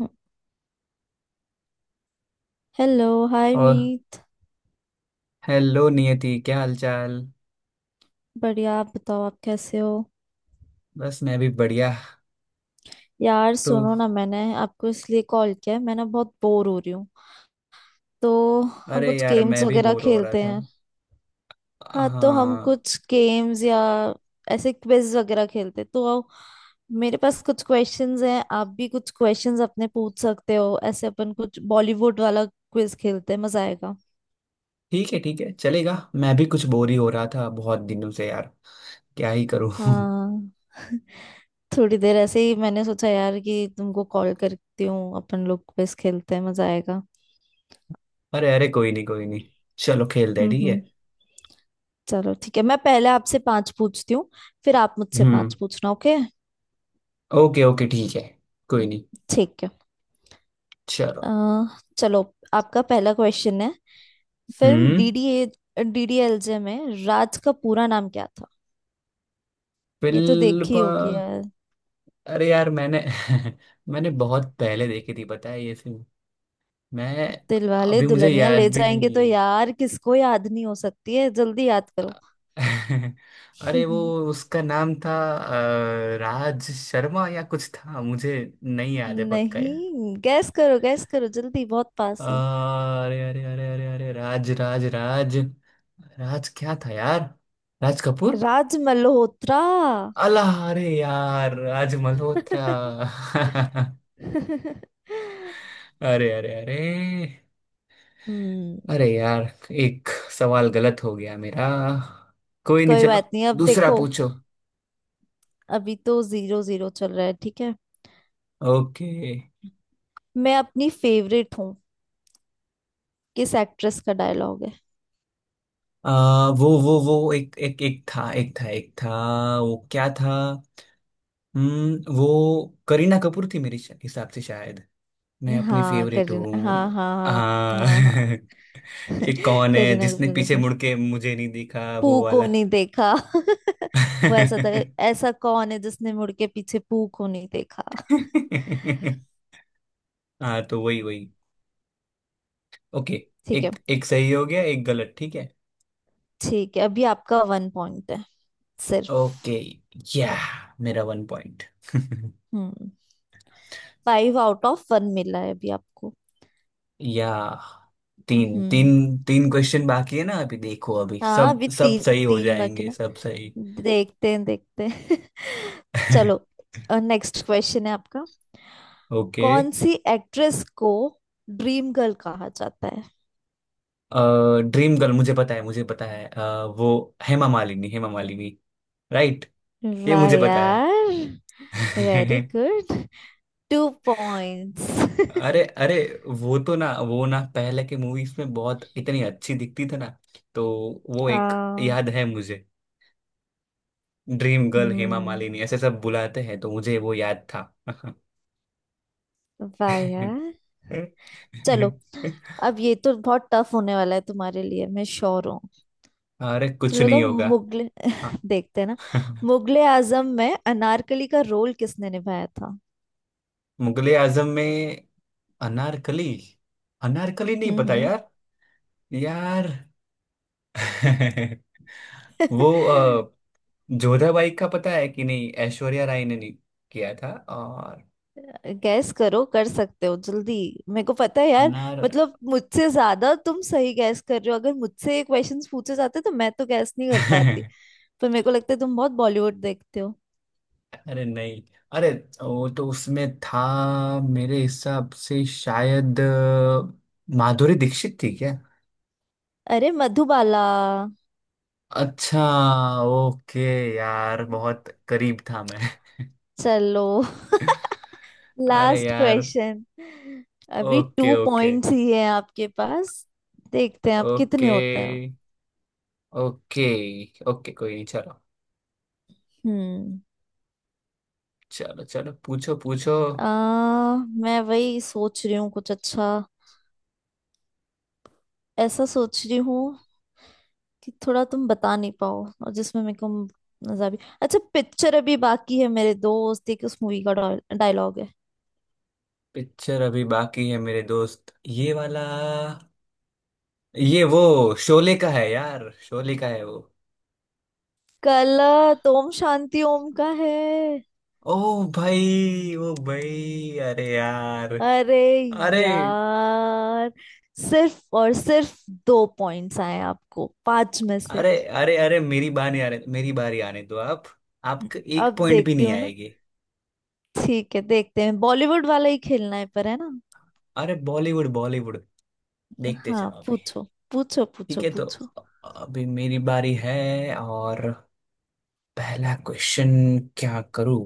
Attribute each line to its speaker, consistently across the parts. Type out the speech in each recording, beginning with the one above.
Speaker 1: हम्म, hello hi
Speaker 2: और
Speaker 1: Meet.
Speaker 2: Hello Niyati, क्या हालचाल।
Speaker 1: बढ़िया, आप बताओ, आप कैसे हो?
Speaker 2: बस मैं भी बढ़िया।
Speaker 1: यार
Speaker 2: तो
Speaker 1: सुनो ना, मैंने आपको इसलिए कॉल किया है, मैं ना बहुत बोर हो रही हूँ। तो हम
Speaker 2: अरे
Speaker 1: कुछ
Speaker 2: यार,
Speaker 1: गेम्स
Speaker 2: मैं भी
Speaker 1: वगैरह
Speaker 2: बोर हो रहा
Speaker 1: खेलते
Speaker 2: था।
Speaker 1: हैं। हाँ तो हम
Speaker 2: हाँ।
Speaker 1: कुछ गेम्स या ऐसे क्विज वगैरह खेलते हैं, तो आओ, मेरे पास कुछ क्वेश्चंस हैं, आप भी कुछ क्वेश्चंस अपने पूछ सकते हो। ऐसे अपन कुछ बॉलीवुड वाला क्विज खेलते हैं, मजा आएगा।
Speaker 2: ठीक है, ठीक है, चलेगा। मैं भी कुछ बोर ही हो रहा था बहुत दिनों से, यार। क्या ही करूँ।
Speaker 1: हाँ, थोड़ी देर ऐसे ही मैंने सोचा यार कि तुमको कॉल करती हूँ, अपन लोग क्विज खेलते हैं, मजा आएगा।
Speaker 2: अरे, अरे, कोई नहीं, कोई नहीं। चलो, खेलते हैं। ठीक है।
Speaker 1: हम्म। चलो ठीक है, मैं पहले आपसे पांच पूछती हूँ, फिर आप मुझसे
Speaker 2: हम्म।
Speaker 1: पांच पूछना। ओके,
Speaker 2: ओके, ओके, ठीक है। कोई नहीं,
Speaker 1: ठीक है। अ,
Speaker 2: चलो।
Speaker 1: चलो, आपका पहला क्वेश्चन है, फिल्म
Speaker 2: हम्म।
Speaker 1: डीडीएलजे में राज का पूरा नाम क्या था? ये तो
Speaker 2: फिल्म
Speaker 1: देखी
Speaker 2: पा-
Speaker 1: होगी यार।
Speaker 2: अरे यार, मैंने मैंने बहुत पहले देखी थी, पता है ये फिल्म। मैं
Speaker 1: दिलवाले
Speaker 2: अभी, मुझे
Speaker 1: दुल्हनिया ले
Speaker 2: याद भी
Speaker 1: जाएंगे, तो
Speaker 2: नहीं।
Speaker 1: यार किसको याद नहीं हो सकती है, जल्दी याद करो।
Speaker 2: अरे वो, उसका नाम था राज शर्मा या कुछ था, मुझे नहीं याद है पक्का, यार।
Speaker 1: नहीं, गैस करो गैस करो जल्दी, बहुत
Speaker 2: अ,
Speaker 1: पास हो।
Speaker 2: अरे, अरे, अरे, अरे, अरे, राज, राज, राज। राज क्या था यार? राज कपूर।
Speaker 1: राज मल्होत्रा।
Speaker 2: अल्लाह! अरे यार, राज मल्होत्रा! अरे, अरे, अरे।
Speaker 1: हम्म।
Speaker 2: अरे यार, एक सवाल गलत हो गया मेरा। कोई नहीं,
Speaker 1: कोई
Speaker 2: चलो।
Speaker 1: बात नहीं, अब
Speaker 2: दूसरा
Speaker 1: देखो,
Speaker 2: पूछो।
Speaker 1: अभी तो जीरो जीरो चल रहा है, ठीक है।
Speaker 2: ओके।
Speaker 1: मैं अपनी फेवरेट हूँ, किस एक्ट्रेस का डायलॉग है?
Speaker 2: वो एक एक एक था एक था एक था वो क्या था? हम्म, वो करीना कपूर थी मेरे हिसाब से, शायद। मैं अपनी
Speaker 1: हाँ
Speaker 2: फेवरेट
Speaker 1: करीना,
Speaker 2: हूँ।
Speaker 1: हाँ हाँ हाँ,
Speaker 2: हाँ।
Speaker 1: हाँ हाँ।
Speaker 2: ये कौन है
Speaker 1: करीना
Speaker 2: जिसने
Speaker 1: कपूर ने
Speaker 2: पीछे
Speaker 1: तो
Speaker 2: मुड़ के मुझे नहीं दिखा,
Speaker 1: पू
Speaker 2: वो
Speaker 1: को
Speaker 2: वाला?
Speaker 1: नहीं देखा, वो ऐसा था। ऐसा कौन है जिसने मुड़ के पीछे पू को नहीं देखा?
Speaker 2: हाँ तो वही, वही। ओके।
Speaker 1: ठीक है,
Speaker 2: एक एक सही हो गया, एक गलत। ठीक है।
Speaker 1: ठीक है। अभी आपका वन पॉइंट है, सिर्फ।
Speaker 2: ओके। या, मेरा one point!
Speaker 1: Hmm. Five out of one मिला है अभी आपको।
Speaker 2: या, तीन
Speaker 1: हम्म,
Speaker 2: तीन तीन क्वेश्चन बाकी है ना? अभी देखो, अभी
Speaker 1: हाँ
Speaker 2: सब
Speaker 1: अभी
Speaker 2: सब
Speaker 1: तीन
Speaker 2: सही हो
Speaker 1: तीन बाकी
Speaker 2: जाएंगे,
Speaker 1: ना,
Speaker 2: सब सही।
Speaker 1: देखते हैं देखते हैं। चलो, नेक्स्ट क्वेश्चन है आपका,
Speaker 2: ओके।
Speaker 1: कौन सी एक्ट्रेस को ड्रीम गर्ल कहा जाता है?
Speaker 2: ड्रीम गर्ल मुझे पता है, मुझे पता है। वो हेमा मालिनी, हेमा मालिनी। राइट। ये
Speaker 1: वाह
Speaker 2: मुझे पता है।
Speaker 1: यार, वेरी गुड, टू पॉइंट्स।
Speaker 2: अरे, अरे। वो तो ना, वो ना, पहले के मूवीज में बहुत, इतनी अच्छी दिखती थी ना। तो वो एक,
Speaker 1: हाँ।
Speaker 2: याद है मुझे। ड्रीम गर्ल हेमा
Speaker 1: हम्म।
Speaker 2: मालिनी ऐसे सब बुलाते हैं, तो मुझे वो याद था।
Speaker 1: वाह यार। चलो, अब ये तो बहुत टफ होने वाला है तुम्हारे लिए, मैं श्योर हूँ।
Speaker 2: अरे कुछ
Speaker 1: चलो तो,
Speaker 2: नहीं होगा।
Speaker 1: मुगले
Speaker 2: हाँ।
Speaker 1: देखते हैं ना, मुगले आजम में अनारकली का रोल किसने निभाया था?
Speaker 2: मुगले आजम में अनारकली, अनारकली नहीं पता
Speaker 1: हम्म।
Speaker 2: यार। यार। वो जोधाबाई का पता है कि नहीं, ऐश्वर्या राय ने नहीं किया था, और
Speaker 1: गैस करो, कर सकते हो जल्दी। मेरे को पता है यार,
Speaker 2: अनार
Speaker 1: मतलब मुझसे ज्यादा तुम सही गैस कर रहे हो, अगर मुझसे ये क्वेश्चंस पूछे जाते तो मैं तो गैस नहीं कर पाती। पर मेरे को लगता है तुम बहुत बॉलीवुड देखते हो।
Speaker 2: अरे नहीं। अरे, वो तो उसमें था, मेरे हिसाब से शायद माधुरी दीक्षित थी।
Speaker 1: अरे, मधुबाला।
Speaker 2: अच्छा। ओके। यार बहुत करीब था मैं।
Speaker 1: चलो,
Speaker 2: अरे
Speaker 1: लास्ट
Speaker 2: यार।
Speaker 1: क्वेश्चन। अभी
Speaker 2: ओके,
Speaker 1: टू
Speaker 2: ओके,
Speaker 1: पॉइंट्स ही है आपके पास, देखते हैं आप कितने
Speaker 2: ओके,
Speaker 1: होते हैं।
Speaker 2: ओके, ओके, कोई नहीं, चलो।
Speaker 1: हम्म।
Speaker 2: चलो, चलो, पूछो, पूछो।
Speaker 1: आ, मैं वही सोच रही हूँ कुछ अच्छा, ऐसा सोच रही हूँ कि थोड़ा तुम बता नहीं पाओ और जिसमें मेरे को मजा भी। अच्छा, पिक्चर अभी बाकी है मेरे दोस्त, एक उस मूवी का डायलॉग है।
Speaker 2: पिक्चर अभी बाकी है मेरे दोस्त, ये वाला। ये वो शोले का है यार, शोले का है वो।
Speaker 1: कल ओम शांति ओम का है।
Speaker 2: ओ भाई, ओ भाई, अरे यार।
Speaker 1: अरे
Speaker 2: अरे,
Speaker 1: यार, सिर्फ और सिर्फ दो पॉइंट्स आए आपको पांच में से।
Speaker 2: अरे, अरे, अरे, मेरी बारी आने दो आप। आपका एक
Speaker 1: अब
Speaker 2: पॉइंट भी
Speaker 1: देखती
Speaker 2: नहीं
Speaker 1: हूँ ना,
Speaker 2: आएगी।
Speaker 1: ठीक है देखते हैं। बॉलीवुड वाला ही खेलना है पर, है ना।
Speaker 2: अरे बॉलीवुड, बॉलीवुड, देखते
Speaker 1: हाँ
Speaker 2: जाओ अभी।
Speaker 1: पूछो, पूछो
Speaker 2: ठीक
Speaker 1: पूछो
Speaker 2: है, तो
Speaker 1: पूछो।
Speaker 2: अभी मेरी बारी है। और पहला क्वेश्चन, क्या करूं?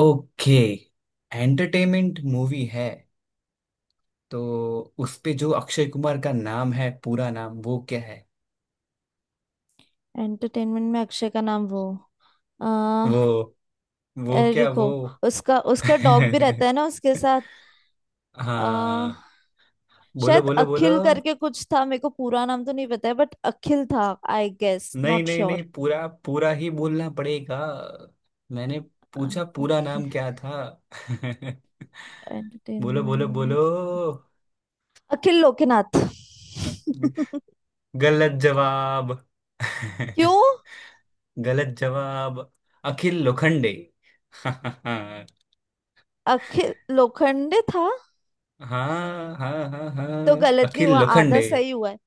Speaker 2: ओके। एंटरटेनमेंट मूवी है, तो उस पे जो अक्षय कुमार का नाम है, पूरा नाम, वो क्या है?
Speaker 1: एंटरटेनमेंट में अक्षय का नाम, वो
Speaker 2: वो वो
Speaker 1: अरे
Speaker 2: क्या
Speaker 1: रुको,
Speaker 2: वो?
Speaker 1: उसका उसका डॉग भी रहता है ना उसके साथ।
Speaker 2: हाँ
Speaker 1: आ,
Speaker 2: बोलो,
Speaker 1: शायद
Speaker 2: बोलो, बोलो।
Speaker 1: अखिल करके कुछ था, मेरे को पूरा नाम तो नहीं पता है, बट अखिल था। आई गेस,
Speaker 2: नहीं,
Speaker 1: नॉट
Speaker 2: नहीं, नहीं,
Speaker 1: श्योर।
Speaker 2: पूरा पूरा ही बोलना पड़ेगा। मैंने पूछा, पूरा
Speaker 1: ओके,
Speaker 2: नाम क्या था। बोलो,
Speaker 1: एंटरटेनमेंट
Speaker 2: बोलो,
Speaker 1: में
Speaker 2: बोलो।
Speaker 1: अखिल लोकनाथ।
Speaker 2: गलत जवाब।
Speaker 1: क्यों?
Speaker 2: गलत जवाब। अखिल लोखंडे। हाँ।
Speaker 1: अखिल लोखंडे था।
Speaker 2: हाँ, हाँ,
Speaker 1: तो
Speaker 2: हाँ,
Speaker 1: गलत नहीं
Speaker 2: अखिल
Speaker 1: हुआ, आधा
Speaker 2: लोखंडे।
Speaker 1: सही हुआ है,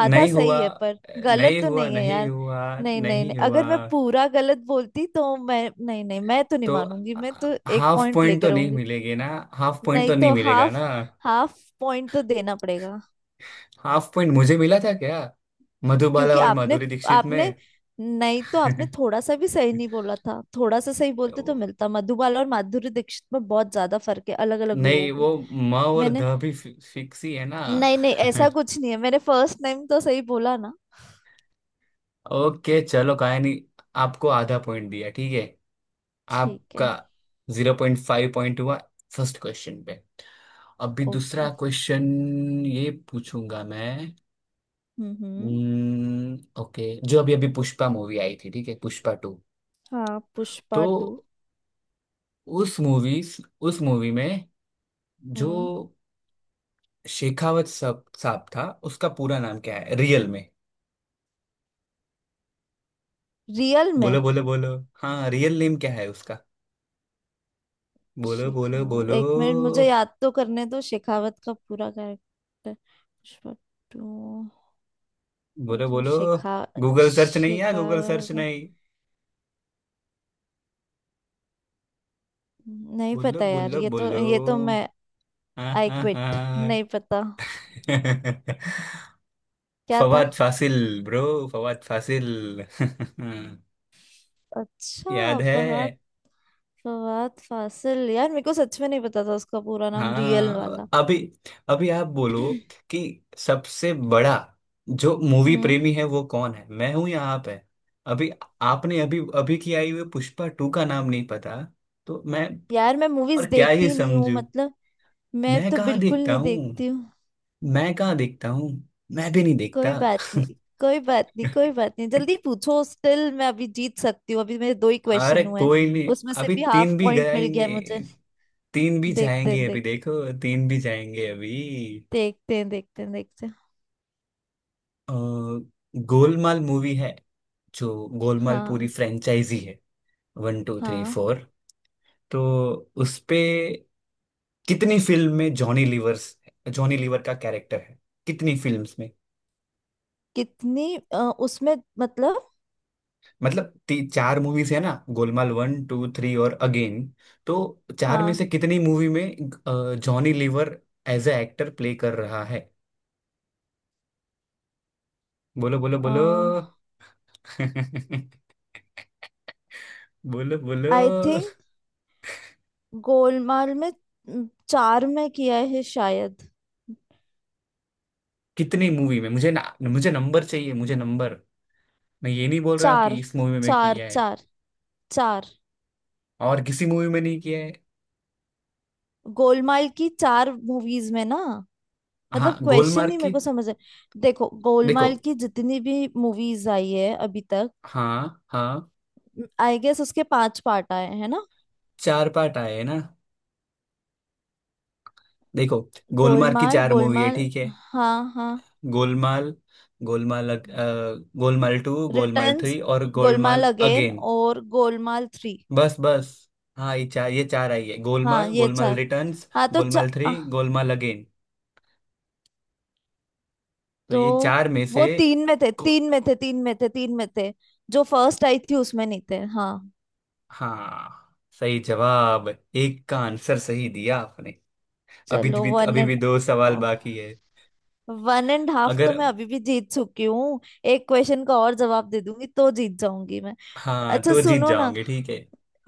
Speaker 1: आधा
Speaker 2: नहीं हुआ,
Speaker 1: सही है पर, गलत
Speaker 2: नहीं
Speaker 1: तो
Speaker 2: हुआ,
Speaker 1: नहीं है
Speaker 2: नहीं
Speaker 1: यार।
Speaker 2: हुआ,
Speaker 1: नहीं नहीं नहीं,
Speaker 2: नहीं हुआ।
Speaker 1: अगर मैं पूरा गलत बोलती तो मैं, नहीं नहीं, मैं तो नहीं
Speaker 2: तो
Speaker 1: मानूंगी, मैं तो एक
Speaker 2: हाफ
Speaker 1: पॉइंट
Speaker 2: पॉइंट तो
Speaker 1: लेकर
Speaker 2: नहीं
Speaker 1: आऊंगी।
Speaker 2: मिलेगी ना? हाफ पॉइंट
Speaker 1: नहीं
Speaker 2: तो नहीं
Speaker 1: तो
Speaker 2: मिलेगा
Speaker 1: हाफ,
Speaker 2: ना?
Speaker 1: हाफ पॉइंट तो देना पड़ेगा।
Speaker 2: हाफ पॉइंट मुझे मिला था क्या, मधुबाला
Speaker 1: क्योंकि
Speaker 2: और
Speaker 1: आपने
Speaker 2: माधुरी दीक्षित
Speaker 1: आपने
Speaker 2: में?
Speaker 1: नहीं तो आपने थोड़ा सा भी सही नहीं बोला था, थोड़ा सा सही बोलते तो
Speaker 2: वो-
Speaker 1: मिलता। मधुबाला और माधुरी दीक्षित में बहुत ज्यादा फर्क है, अलग अलग
Speaker 2: नहीं,
Speaker 1: लोग हैं।
Speaker 2: वो म और
Speaker 1: मैंने
Speaker 2: ध भी फिक्स ही है ना?
Speaker 1: नहीं नहीं, ऐसा कुछ नहीं है, मैंने फर्स्ट नेम तो सही बोला ना।
Speaker 2: ओके चलो, काय नहीं। आपको आधा पॉइंट दिया, ठीक है।
Speaker 1: ठीक है।
Speaker 2: आपका 0.5 पॉइंट हुआ फर्स्ट क्वेश्चन पे। अभी दूसरा
Speaker 1: ओके।
Speaker 2: क्वेश्चन ये पूछूंगा मैं।
Speaker 1: हम्म।
Speaker 2: ओके। जो अभी अभी पुष्पा मूवी आई थी, ठीक है, पुष्पा टू।
Speaker 1: हाँ पुष्पा
Speaker 2: तो
Speaker 1: टू।
Speaker 2: उस मूवी उस मूवी में जो
Speaker 1: हम्म।
Speaker 2: शेखावत साहब साहब था, उसका पूरा नाम क्या है रियल में?
Speaker 1: रियल में?
Speaker 2: बोलो, बोलो, बोलो। हाँ, रियल नेम क्या है उसका? बोलो, बोलो,
Speaker 1: शेखावत,
Speaker 2: बोलो,
Speaker 1: एक मिनट मुझे याद तो करने दो, शेखावत का पूरा कैरेक्टर, पुष्पा टू। मैं
Speaker 2: बोलो,
Speaker 1: जो
Speaker 2: बोलो।
Speaker 1: शिखा
Speaker 2: गूगल सर्च नहीं है,
Speaker 1: शिखा,
Speaker 2: गूगल सर्च नहीं।
Speaker 1: नहीं
Speaker 2: बोलो,
Speaker 1: पता यार,
Speaker 2: बोलो,
Speaker 1: ये तो
Speaker 2: बोलो।
Speaker 1: ये तो मैं,
Speaker 2: हाँ,
Speaker 1: आई
Speaker 2: हाँ,
Speaker 1: क्विट,
Speaker 2: हाँ।
Speaker 1: नहीं पता। क्या था?
Speaker 2: फवाद फासिल ब्रो, फवाद फासिल।
Speaker 1: अच्छा
Speaker 2: याद है।
Speaker 1: फहद, फवाद फासिल। यार मेरे को सच में नहीं पता था उसका पूरा नाम रियल वाला।
Speaker 2: हाँ, अभी अभी आप बोलो कि सबसे बड़ा जो मूवी
Speaker 1: हम्म।
Speaker 2: प्रेमी है, वो कौन है? मैं हूं या आप है? अभी आपने अभी अभी की आई हुई पुष्पा टू का नाम नहीं पता, तो मैं
Speaker 1: यार, मैं मूवीज
Speaker 2: और क्या ही
Speaker 1: देखती नहीं हूँ,
Speaker 2: समझू।
Speaker 1: मतलब मैं
Speaker 2: मैं
Speaker 1: तो
Speaker 2: कहाँ
Speaker 1: बिल्कुल
Speaker 2: देखता
Speaker 1: नहीं
Speaker 2: हूँ,
Speaker 1: देखती हूँ।
Speaker 2: मैं कहाँ देखता हूँ? मैं भी नहीं देखता।
Speaker 1: कोई बात नहीं, कोई बात नहीं कोई बात नहीं, जल्दी पूछो, स्टिल मैं अभी जीत सकती हूँ, अभी मेरे दो ही
Speaker 2: अरे
Speaker 1: क्वेश्चन हुए हैं।
Speaker 2: कोई नहीं।
Speaker 1: उसमें से
Speaker 2: अभी
Speaker 1: भी हाफ
Speaker 2: तीन भी
Speaker 1: पॉइंट मिल गया
Speaker 2: गएंगे,
Speaker 1: है मुझे।
Speaker 2: तीन भी
Speaker 1: देखते
Speaker 2: जाएंगे
Speaker 1: हैं
Speaker 2: अभी,
Speaker 1: देखते हैं।
Speaker 2: देखो, तीन भी जाएंगे अभी।
Speaker 1: देखते हैं देखते हैं देखते हैं।
Speaker 2: अ, गोलमाल मूवी है, जो गोलमाल पूरी
Speaker 1: हाँ
Speaker 2: फ्रेंचाइजी है। वन, टू, थ्री,
Speaker 1: हाँ।
Speaker 2: फोर। तो उसपे कितनी फिल्म में, जॉनी लीवर का कैरेक्टर है, कितनी फिल्म्स में?
Speaker 1: कितनी, उसमें मतलब।
Speaker 2: मतलब चार मूवीज है ना, गोलमाल वन, टू, थ्री और अगेन। तो चार में
Speaker 1: हाँ
Speaker 2: से कितनी मूवी में Johnny Lever as a actor play कर रहा है? बोलो, बोलो, बोलो। बोलो, बोलो।
Speaker 1: आई थिंक गोलमाल में, चार में किया है शायद।
Speaker 2: कितनी मूवी में? मुझे नंबर चाहिए, मुझे नंबर। मैं ये नहीं बोल रहा
Speaker 1: चार
Speaker 2: कि इस मूवी में
Speaker 1: चार
Speaker 2: किया है
Speaker 1: चार चार
Speaker 2: और किसी मूवी में नहीं किया है।
Speaker 1: गोलमाल की चार मूवीज में ना,
Speaker 2: हाँ
Speaker 1: मतलब क्वेश्चन
Speaker 2: गोलमार्ग
Speaker 1: ही
Speaker 2: की।
Speaker 1: मेरे को समझ है। देखो,
Speaker 2: देखो।
Speaker 1: गोलमाल की जितनी भी मूवीज आई है अभी तक,
Speaker 2: हाँ, हाँ।
Speaker 1: आई गेस उसके पांच पार्ट आए हैं ना।
Speaker 2: चार पार्ट आए हैं ना? देखो, गोलमार्ग की
Speaker 1: गोलमाल,
Speaker 2: चार मूवी है,
Speaker 1: गोलमाल,
Speaker 2: ठीक है।
Speaker 1: हाँ हाँ,
Speaker 2: गोलमाल, गोलमाल अग- अ, Golmaal two, Golmaal
Speaker 1: returns,
Speaker 2: three और गोलमाल
Speaker 1: गोलमाल अगेन
Speaker 2: अगेन।
Speaker 1: और गोलमाल थ्री।
Speaker 2: बस, बस। हाँ, ये चार आई है:
Speaker 1: हाँ
Speaker 2: गोलमाल,
Speaker 1: ये
Speaker 2: गोलमाल
Speaker 1: चार।
Speaker 2: रिटर्न्स,
Speaker 1: हाँ तो
Speaker 2: गोलमाल थ्री,
Speaker 1: आह,
Speaker 2: गोलमाल अगेन। तो
Speaker 1: तो
Speaker 2: ये चार में से
Speaker 1: वो तीन में थे
Speaker 2: को-
Speaker 1: तीन में थे तीन में थे तीन में थे, जो फर्स्ट आई थी उसमें नहीं थे। हाँ।
Speaker 2: हाँ, सही जवाब। एक का आंसर सही दिया आपने। अभी
Speaker 1: चलो,
Speaker 2: भी
Speaker 1: वन
Speaker 2: अभी
Speaker 1: एंड,
Speaker 2: भी दो सवाल बाकी है।
Speaker 1: वन एंड हाफ,
Speaker 2: अगर
Speaker 1: तो मैं अभी भी जीत चुकी हूँ, एक क्वेश्चन का और जवाब दे दूंगी तो जीत जाऊंगी मैं।
Speaker 2: हाँ
Speaker 1: अच्छा
Speaker 2: तो जीत
Speaker 1: सुनो ना,
Speaker 2: जाओगे, ठीक है।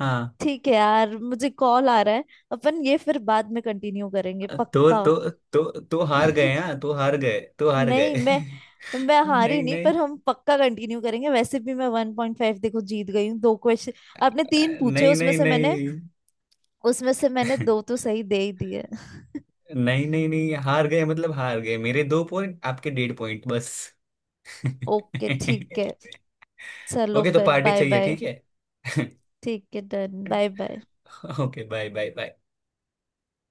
Speaker 2: हाँ
Speaker 1: ठीक है यार, मुझे कॉल आ रहा है, अपन ये फिर बाद में कंटिन्यू करेंगे,
Speaker 2: तो
Speaker 1: पक्का।
Speaker 2: तो तो तो हार गए, हाँ तो हार गए, तो हार
Speaker 1: नहीं,
Speaker 2: गए।
Speaker 1: मैं मैं हारी
Speaker 2: नहीं,
Speaker 1: नहीं,
Speaker 2: नहीं,
Speaker 1: पर हम पक्का कंटिन्यू करेंगे, वैसे भी मैं वन पॉइंट फाइव, देखो जीत गई हूँ, दो क्वेश्चन आपने तीन पूछे,
Speaker 2: नहीं,
Speaker 1: उसमें
Speaker 2: नहीं,
Speaker 1: से मैंने
Speaker 2: नहीं।
Speaker 1: उसमें से मैंने दो तो सही दे ही दिए।
Speaker 2: नहीं, नहीं, नहीं, हार गए मतलब हार गए। मेरे दो पॉइंट, आपके 1.5 पॉइंट, बस।
Speaker 1: ओके ठीक है, चलो
Speaker 2: ओके तो
Speaker 1: फिर
Speaker 2: पार्टी
Speaker 1: बाय
Speaker 2: चाहिए,
Speaker 1: बाय।
Speaker 2: ठीक है।
Speaker 1: ठीक है, done, bye bye.
Speaker 2: Okay, bye, bye, bye.